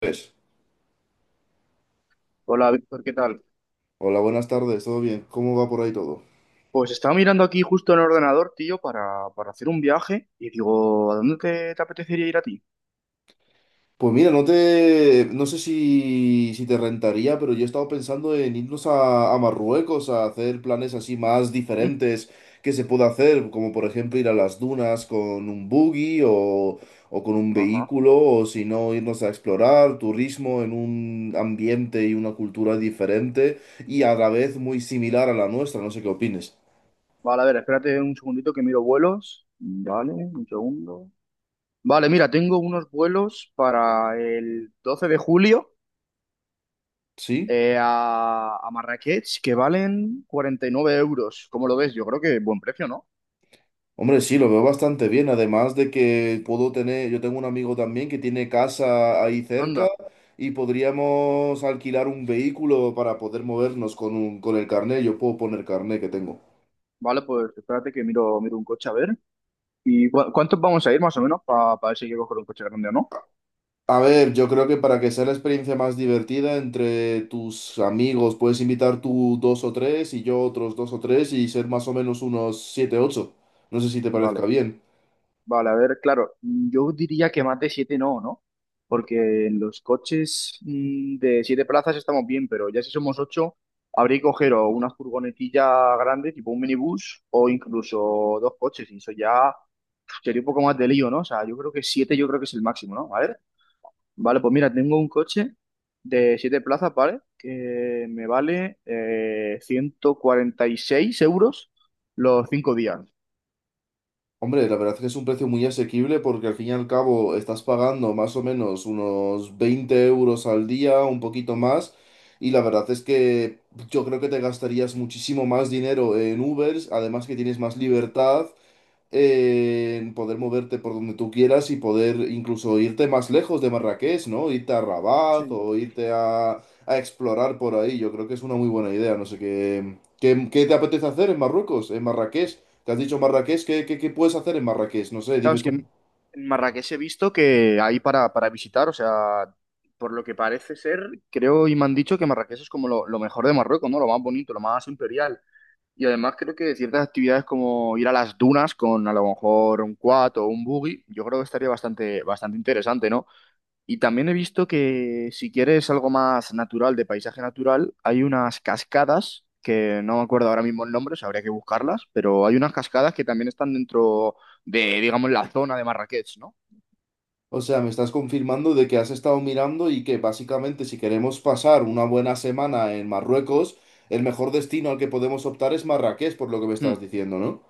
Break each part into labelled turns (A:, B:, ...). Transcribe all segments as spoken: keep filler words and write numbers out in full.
A: Pues,
B: Hola Víctor, ¿qué tal?
A: hola, buenas tardes, ¿todo bien? ¿Cómo va por ahí todo?
B: Pues estaba mirando aquí justo en el ordenador, tío, para, para hacer un viaje y digo, ¿a dónde te, te apetecería ir a ti?
A: Pues mira, no te, no sé si, si te rentaría, pero yo he estado pensando en irnos a, a Marruecos a hacer planes así más
B: Mm,
A: diferentes que se pueda hacer, como por ejemplo ir a las dunas con un buggy o, o con un
B: ajá.
A: vehículo, o si no, irnos a explorar turismo en un ambiente y una cultura diferente y a la vez muy similar a la nuestra, no sé qué opines.
B: Vale, a ver, espérate un segundito que miro vuelos. Vale, un segundo. Vale, mira, tengo unos vuelos para el doce de julio
A: ¿Sí?
B: eh, a, a Marrakech que valen cuarenta y nueve euros. ¿Cómo lo ves? Yo creo que buen precio, ¿no?
A: Hombre, sí, lo veo bastante bien. Además de que puedo tener, yo tengo un amigo también que tiene casa ahí cerca
B: Anda.
A: y podríamos alquilar un vehículo para poder movernos con un- con el carnet. Yo puedo poner carnet que tengo.
B: Vale, pues espérate que miro, miro un coche a ver. ¿Y cua- cuántos vamos a ir más o menos para ver si hay que coger un coche grande o no?
A: A ver, yo creo que para que sea la experiencia más divertida entre tus amigos, puedes invitar tú dos o tres y yo otros dos o tres y ser más o menos unos siete, ocho. No sé si te parezca
B: Vale.
A: bien.
B: Vale, a ver, claro, yo diría que más de siete no, ¿no? Porque en los coches mm, de siete plazas estamos bien, pero ya si somos ocho, habría que coger o una furgonetilla grande, tipo un minibús, o incluso dos coches, y eso ya sería un poco más de lío, ¿no? O sea, yo creo que siete yo creo que es el máximo, ¿no? A ver, vale, pues mira, tengo un coche de siete plazas, ¿vale? Que me vale eh, ciento cuarenta y seis euros los cinco días.
A: Hombre, la verdad es que es un precio muy asequible porque al fin y al cabo estás pagando más o menos unos veinte euros al día, un poquito más, y la verdad es que yo creo que te gastarías muchísimo más dinero en Ubers, además que tienes más
B: Sí.
A: libertad en poder moverte por donde tú quieras y poder incluso irte más lejos de Marrakech, ¿no? Irte a Rabat
B: Sí.
A: o irte a, a explorar por ahí. Yo creo que es una muy buena idea. No sé qué, qué, qué te apetece hacer en Marruecos, en Marrakech. ¿Te has dicho Marrakech? ¿Qué, qué, qué puedes hacer en Marrakech? No sé,
B: Claro,
A: dime
B: es que
A: tú.
B: en en Marrakech he visto que hay para, para visitar, o sea, por lo que parece ser, creo y me han dicho que Marrakech es como lo, lo mejor de Marruecos, ¿no? Lo más bonito, lo más imperial. Y además creo que ciertas actividades como ir a las dunas con a lo mejor un quad o un buggy, yo creo que estaría bastante, bastante interesante, ¿no? Y también he visto que si quieres algo más natural, de paisaje natural, hay unas cascadas, que no me acuerdo ahora mismo el nombre, o sea, habría que buscarlas, pero hay unas cascadas que también están dentro de, digamos, la zona de Marrakech, ¿no?
A: O sea, me estás confirmando de que has estado mirando y que básicamente si queremos pasar una buena semana en Marruecos, el mejor destino al que podemos optar es Marrakech, por lo que me estás
B: Hmm.
A: diciendo, ¿no?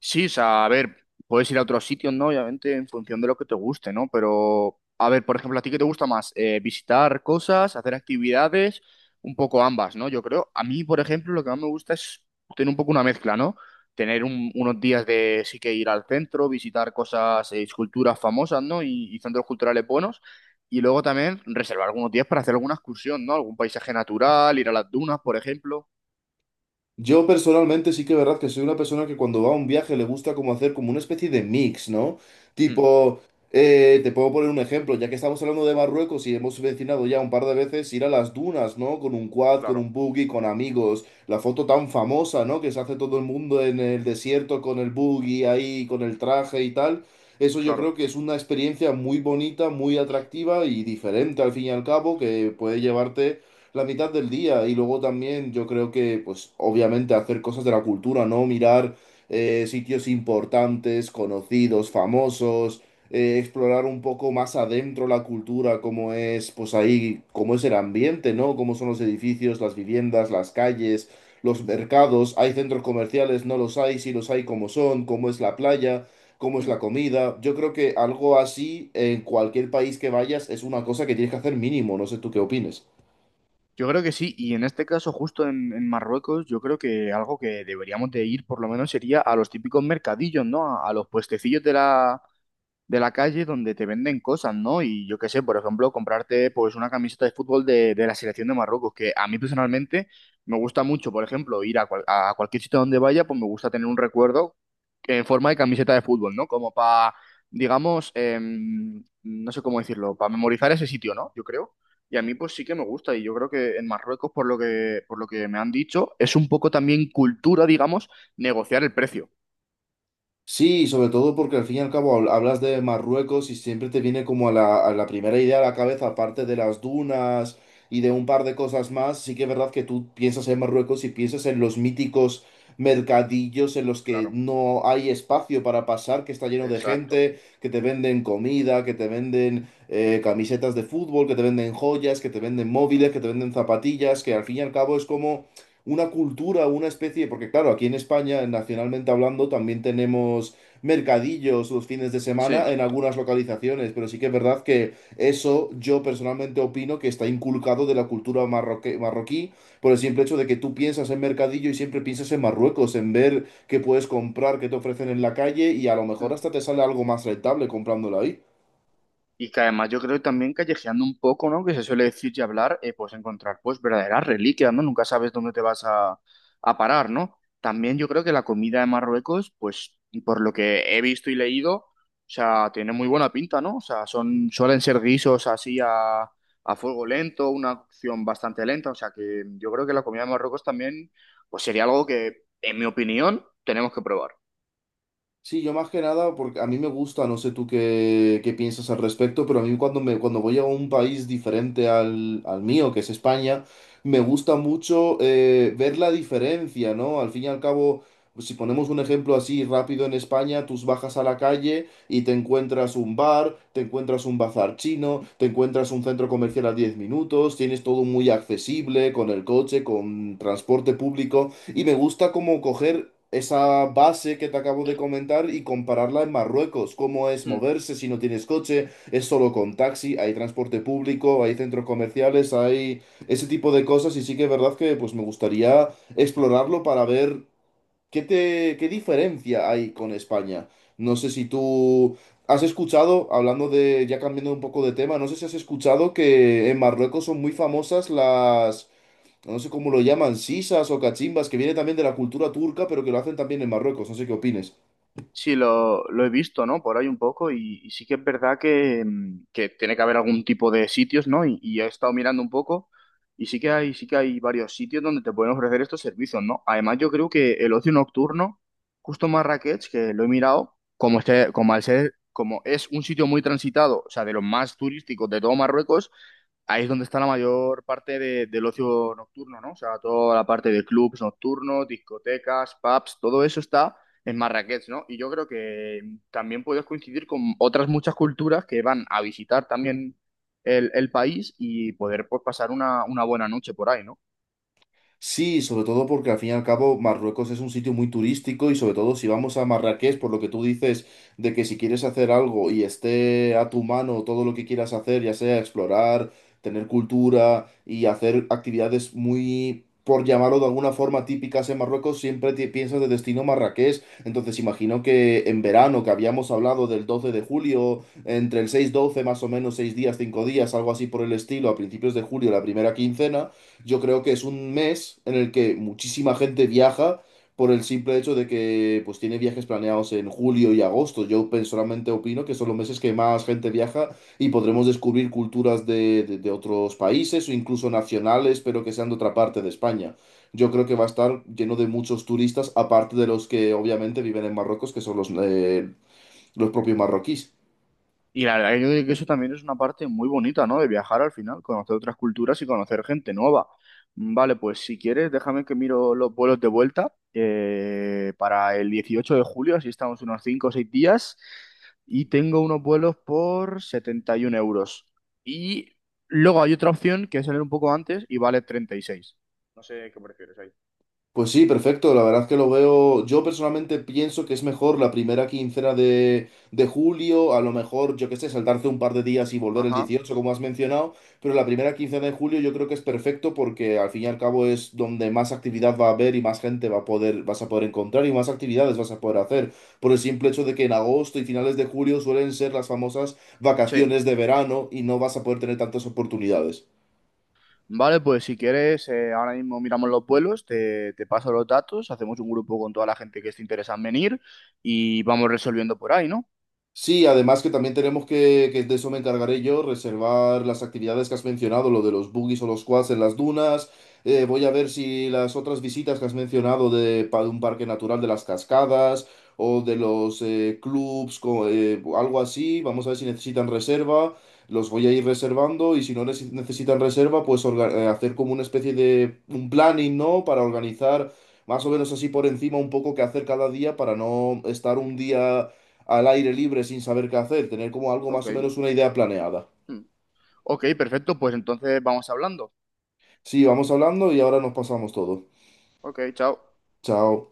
B: Sí, o sea, a ver, puedes ir a otros sitios, ¿no? Obviamente, en función de lo que te guste, ¿no? Pero, a ver, por ejemplo, ¿a ti qué te gusta más? Eh, visitar cosas, hacer actividades, un poco ambas, ¿no? Yo creo, a mí, por ejemplo, lo que más me gusta es tener un poco una mezcla, ¿no? Tener un- unos días de sí que ir al centro, visitar cosas, eh, esculturas famosas, ¿no? Y, y centros culturales buenos. Y luego también reservar algunos días para hacer alguna excursión, ¿no? Algún paisaje natural, ir a las dunas, por ejemplo.
A: Yo personalmente sí que es verdad que soy una persona que cuando va a un viaje le gusta como hacer como una especie de mix, ¿no?
B: Mm,
A: Tipo, eh, te puedo poner un ejemplo, ya que estamos hablando de Marruecos y hemos mencionado ya un par de veces ir a las dunas, ¿no? Con un quad, con
B: claro,
A: un buggy, con amigos, la foto tan famosa, ¿no? Que se hace todo el mundo en el desierto con el buggy ahí, con el traje y tal. Eso yo creo
B: claro.
A: que es una experiencia muy bonita, muy atractiva y diferente al fin y al cabo, que puede llevarte la mitad del día. Y luego también yo creo que, pues obviamente hacer cosas de la cultura, ¿no? Mirar eh, sitios importantes, conocidos, famosos, eh, explorar un poco más adentro la cultura, cómo es, pues ahí, cómo es el ambiente, ¿no? Cómo son los edificios, las viviendas, las calles, los mercados. ¿Hay centros comerciales? ¿No los hay? Si los hay, ¿cómo son? ¿Cómo es la playa? ¿Cómo es la comida? Yo creo que algo así en cualquier país que vayas es una cosa que tienes que hacer mínimo. No sé tú qué opines.
B: Yo creo que sí, y en este caso justo en, en Marruecos, yo creo que algo que deberíamos de ir por lo menos sería a los típicos mercadillos, ¿no? A, a los puestecillos de la, de la calle donde te venden cosas, ¿no? Y yo qué sé, por ejemplo, comprarte pues una camiseta de fútbol de, de la selección de Marruecos, que a mí personalmente me gusta mucho, por ejemplo, ir a, cual- a cualquier sitio donde vaya, pues me gusta tener un recuerdo en forma de camiseta de fútbol, ¿no? Como para, digamos, em, no sé cómo decirlo, para memorizar ese sitio, ¿no? Yo creo. Y a mí pues sí que me gusta y yo creo que en Marruecos, por lo que, por lo que me han dicho, es un poco también cultura, digamos, negociar el precio.
A: Sí, sobre todo porque al fin y al cabo habl- hablas de Marruecos y siempre te viene como a la, a la primera idea a la cabeza, aparte de las dunas y de un par de cosas más, sí que es verdad que tú piensas en Marruecos y piensas en los míticos mercadillos en los que
B: Claro,
A: no hay espacio para pasar, que está lleno de
B: exacto.
A: gente, que te venden comida, que te venden eh, camisetas de fútbol, que te venden joyas, que te venden móviles, que te venden zapatillas, que al fin y al cabo es como una cultura, una especie, porque claro, aquí en España, nacionalmente hablando, también tenemos mercadillos los fines de
B: Sí.
A: semana en algunas localizaciones, pero sí que es verdad que eso yo personalmente opino que está inculcado de la cultura marroque- marroquí por el simple hecho de que tú piensas en mercadillo y siempre piensas en Marruecos, en ver qué puedes comprar, qué te ofrecen en la calle y a lo mejor hasta te sale algo más rentable comprándolo ahí.
B: Y que además yo creo que también callejeando un poco, ¿no? Que se suele decir y hablar, eh, pues encontrar pues verdaderas reliquias, ¿no? Nunca sabes dónde te vas a, a parar, ¿no? También yo creo que la comida de Marruecos, pues por lo que he visto y leído, o sea, tiene muy buena pinta, ¿no? O sea, son, suelen ser guisos así a, a fuego lento, una cocción bastante lenta, o sea que yo creo que la comida de Marruecos también, pues sería algo que, en mi opinión, tenemos que probar.
A: Sí, yo más que nada, porque a mí me gusta, no sé tú qué, qué piensas al respecto, pero a mí cuando, me, cuando voy a un país diferente al, al mío, que es España, me gusta mucho eh, ver la diferencia, ¿no? Al fin y al cabo, si ponemos un ejemplo así rápido en España, tú bajas a la calle y te encuentras un bar, te encuentras un bazar chino, te encuentras un centro comercial a diez minutos, tienes todo muy accesible, con el coche, con transporte público. Y me gusta como coger esa base que te acabo de comentar y compararla en Marruecos. ¿Cómo es moverse si no tienes coche? ¿Es solo con taxi? ¿Hay transporte público? ¿Hay centros comerciales? ¿Hay ese tipo de cosas? Y sí que es verdad que pues me gustaría explorarlo para ver qué te, qué diferencia hay con España. No sé si tú has escuchado, hablando de, ya cambiando un poco de tema, no sé si has escuchado que en Marruecos son muy famosas las no sé cómo lo llaman, sisas o cachimbas, que viene también de la cultura turca, pero que lo hacen también en Marruecos, no sé qué opines.
B: Sí, lo, lo he visto, ¿no? Por ahí un poco y, y sí que es verdad que, mm, que tiene que haber algún tipo de sitios, ¿no? Y, y he estado mirando un poco y sí que hay, sí que hay varios sitios donde te pueden ofrecer estos servicios, ¿no? Además, yo creo que el ocio nocturno, justo Marrakech, que lo he mirado, como este, como al ser, como es un sitio muy transitado, o sea, de los más turísticos de todo Marruecos, ahí es donde está la mayor parte de- del ocio nocturno, ¿no? O sea, toda la parte de clubs nocturnos, discotecas, pubs, todo eso está en Marrakech, ¿no? Y yo creo que también puedes coincidir con otras muchas culturas que van a visitar también el, el país y poder pues, pasar una, una buena noche por ahí, ¿no?
A: Sí, sobre todo porque al fin y al cabo Marruecos es un sitio muy turístico y sobre todo si vamos a Marrakech, por lo que tú dices de que si quieres hacer algo y esté a tu mano todo lo que quieras hacer, ya sea explorar, tener cultura y hacer actividades muy, por llamarlo de alguna forma, típicas en Marruecos, siempre te piensas de destino Marrakech. Entonces imagino que en verano, que habíamos hablado del doce de julio, entre el seis doce más o menos, seis días, cinco días, algo así por el estilo, a principios de julio, la primera quincena. Yo creo que es un mes en el que muchísima gente viaja por el simple hecho de que pues tiene viajes planeados en julio y agosto. Yo personalmente opino que son los meses que más gente viaja y podremos descubrir culturas de, de- de otros países o incluso nacionales, pero que sean de otra parte de España. Yo creo que va a estar lleno de muchos turistas, aparte de los que obviamente viven en Marruecos, que son los, eh, los propios marroquíes.
B: Y la verdad que que eso también es una parte muy bonita, ¿no? De viajar al final, conocer otras culturas y conocer gente nueva. Vale, pues si quieres, déjame que miro los vuelos de vuelta eh, para el dieciocho de julio, así estamos unos cinco o seis días, y tengo unos vuelos por setenta y un euros. Y luego hay otra opción que es salir un poco antes y vale treinta y seis. No sé qué prefieres ahí.
A: Pues sí, perfecto. La verdad que lo veo. Yo personalmente pienso que es mejor la primera quincena de, de julio. A lo mejor, yo qué sé, saltarse un par de días y volver el
B: Ajá,
A: dieciocho como has mencionado. Pero la primera quincena de julio yo creo que es perfecto porque al fin y al cabo es donde más actividad va a haber y más gente va a poder, vas a poder encontrar y más actividades vas a poder hacer. Por el simple hecho de que en agosto y finales de julio suelen ser las famosas
B: sí.
A: vacaciones de verano y no vas a poder tener tantas oportunidades.
B: Vale, pues si quieres, eh, ahora mismo miramos los vuelos, te, te paso los datos, hacemos un grupo con toda la gente que esté interesada en venir y vamos resolviendo por ahí, ¿no?
A: Sí, además que también tenemos que, que de eso me encargaré yo, reservar las actividades que has mencionado, lo de los buggies o los quads en las dunas. Eh, voy a ver si las otras visitas que has mencionado de, pa- de un parque natural de las cascadas o de los eh, clubs, co- eh, algo así, vamos a ver si necesitan reserva, los voy a ir reservando y si no neces- necesitan reserva, pues orga- eh, hacer como una especie de un planning, ¿no? Para organizar más o menos así por encima un poco qué hacer cada día para no estar un día al aire libre sin saber qué hacer, tener como algo
B: Ok.
A: más o menos una idea planeada.
B: Mm. Ok, perfecto, pues entonces vamos hablando.
A: Sí, vamos hablando y ahora nos pasamos todo.
B: Ok, chao.
A: Chao.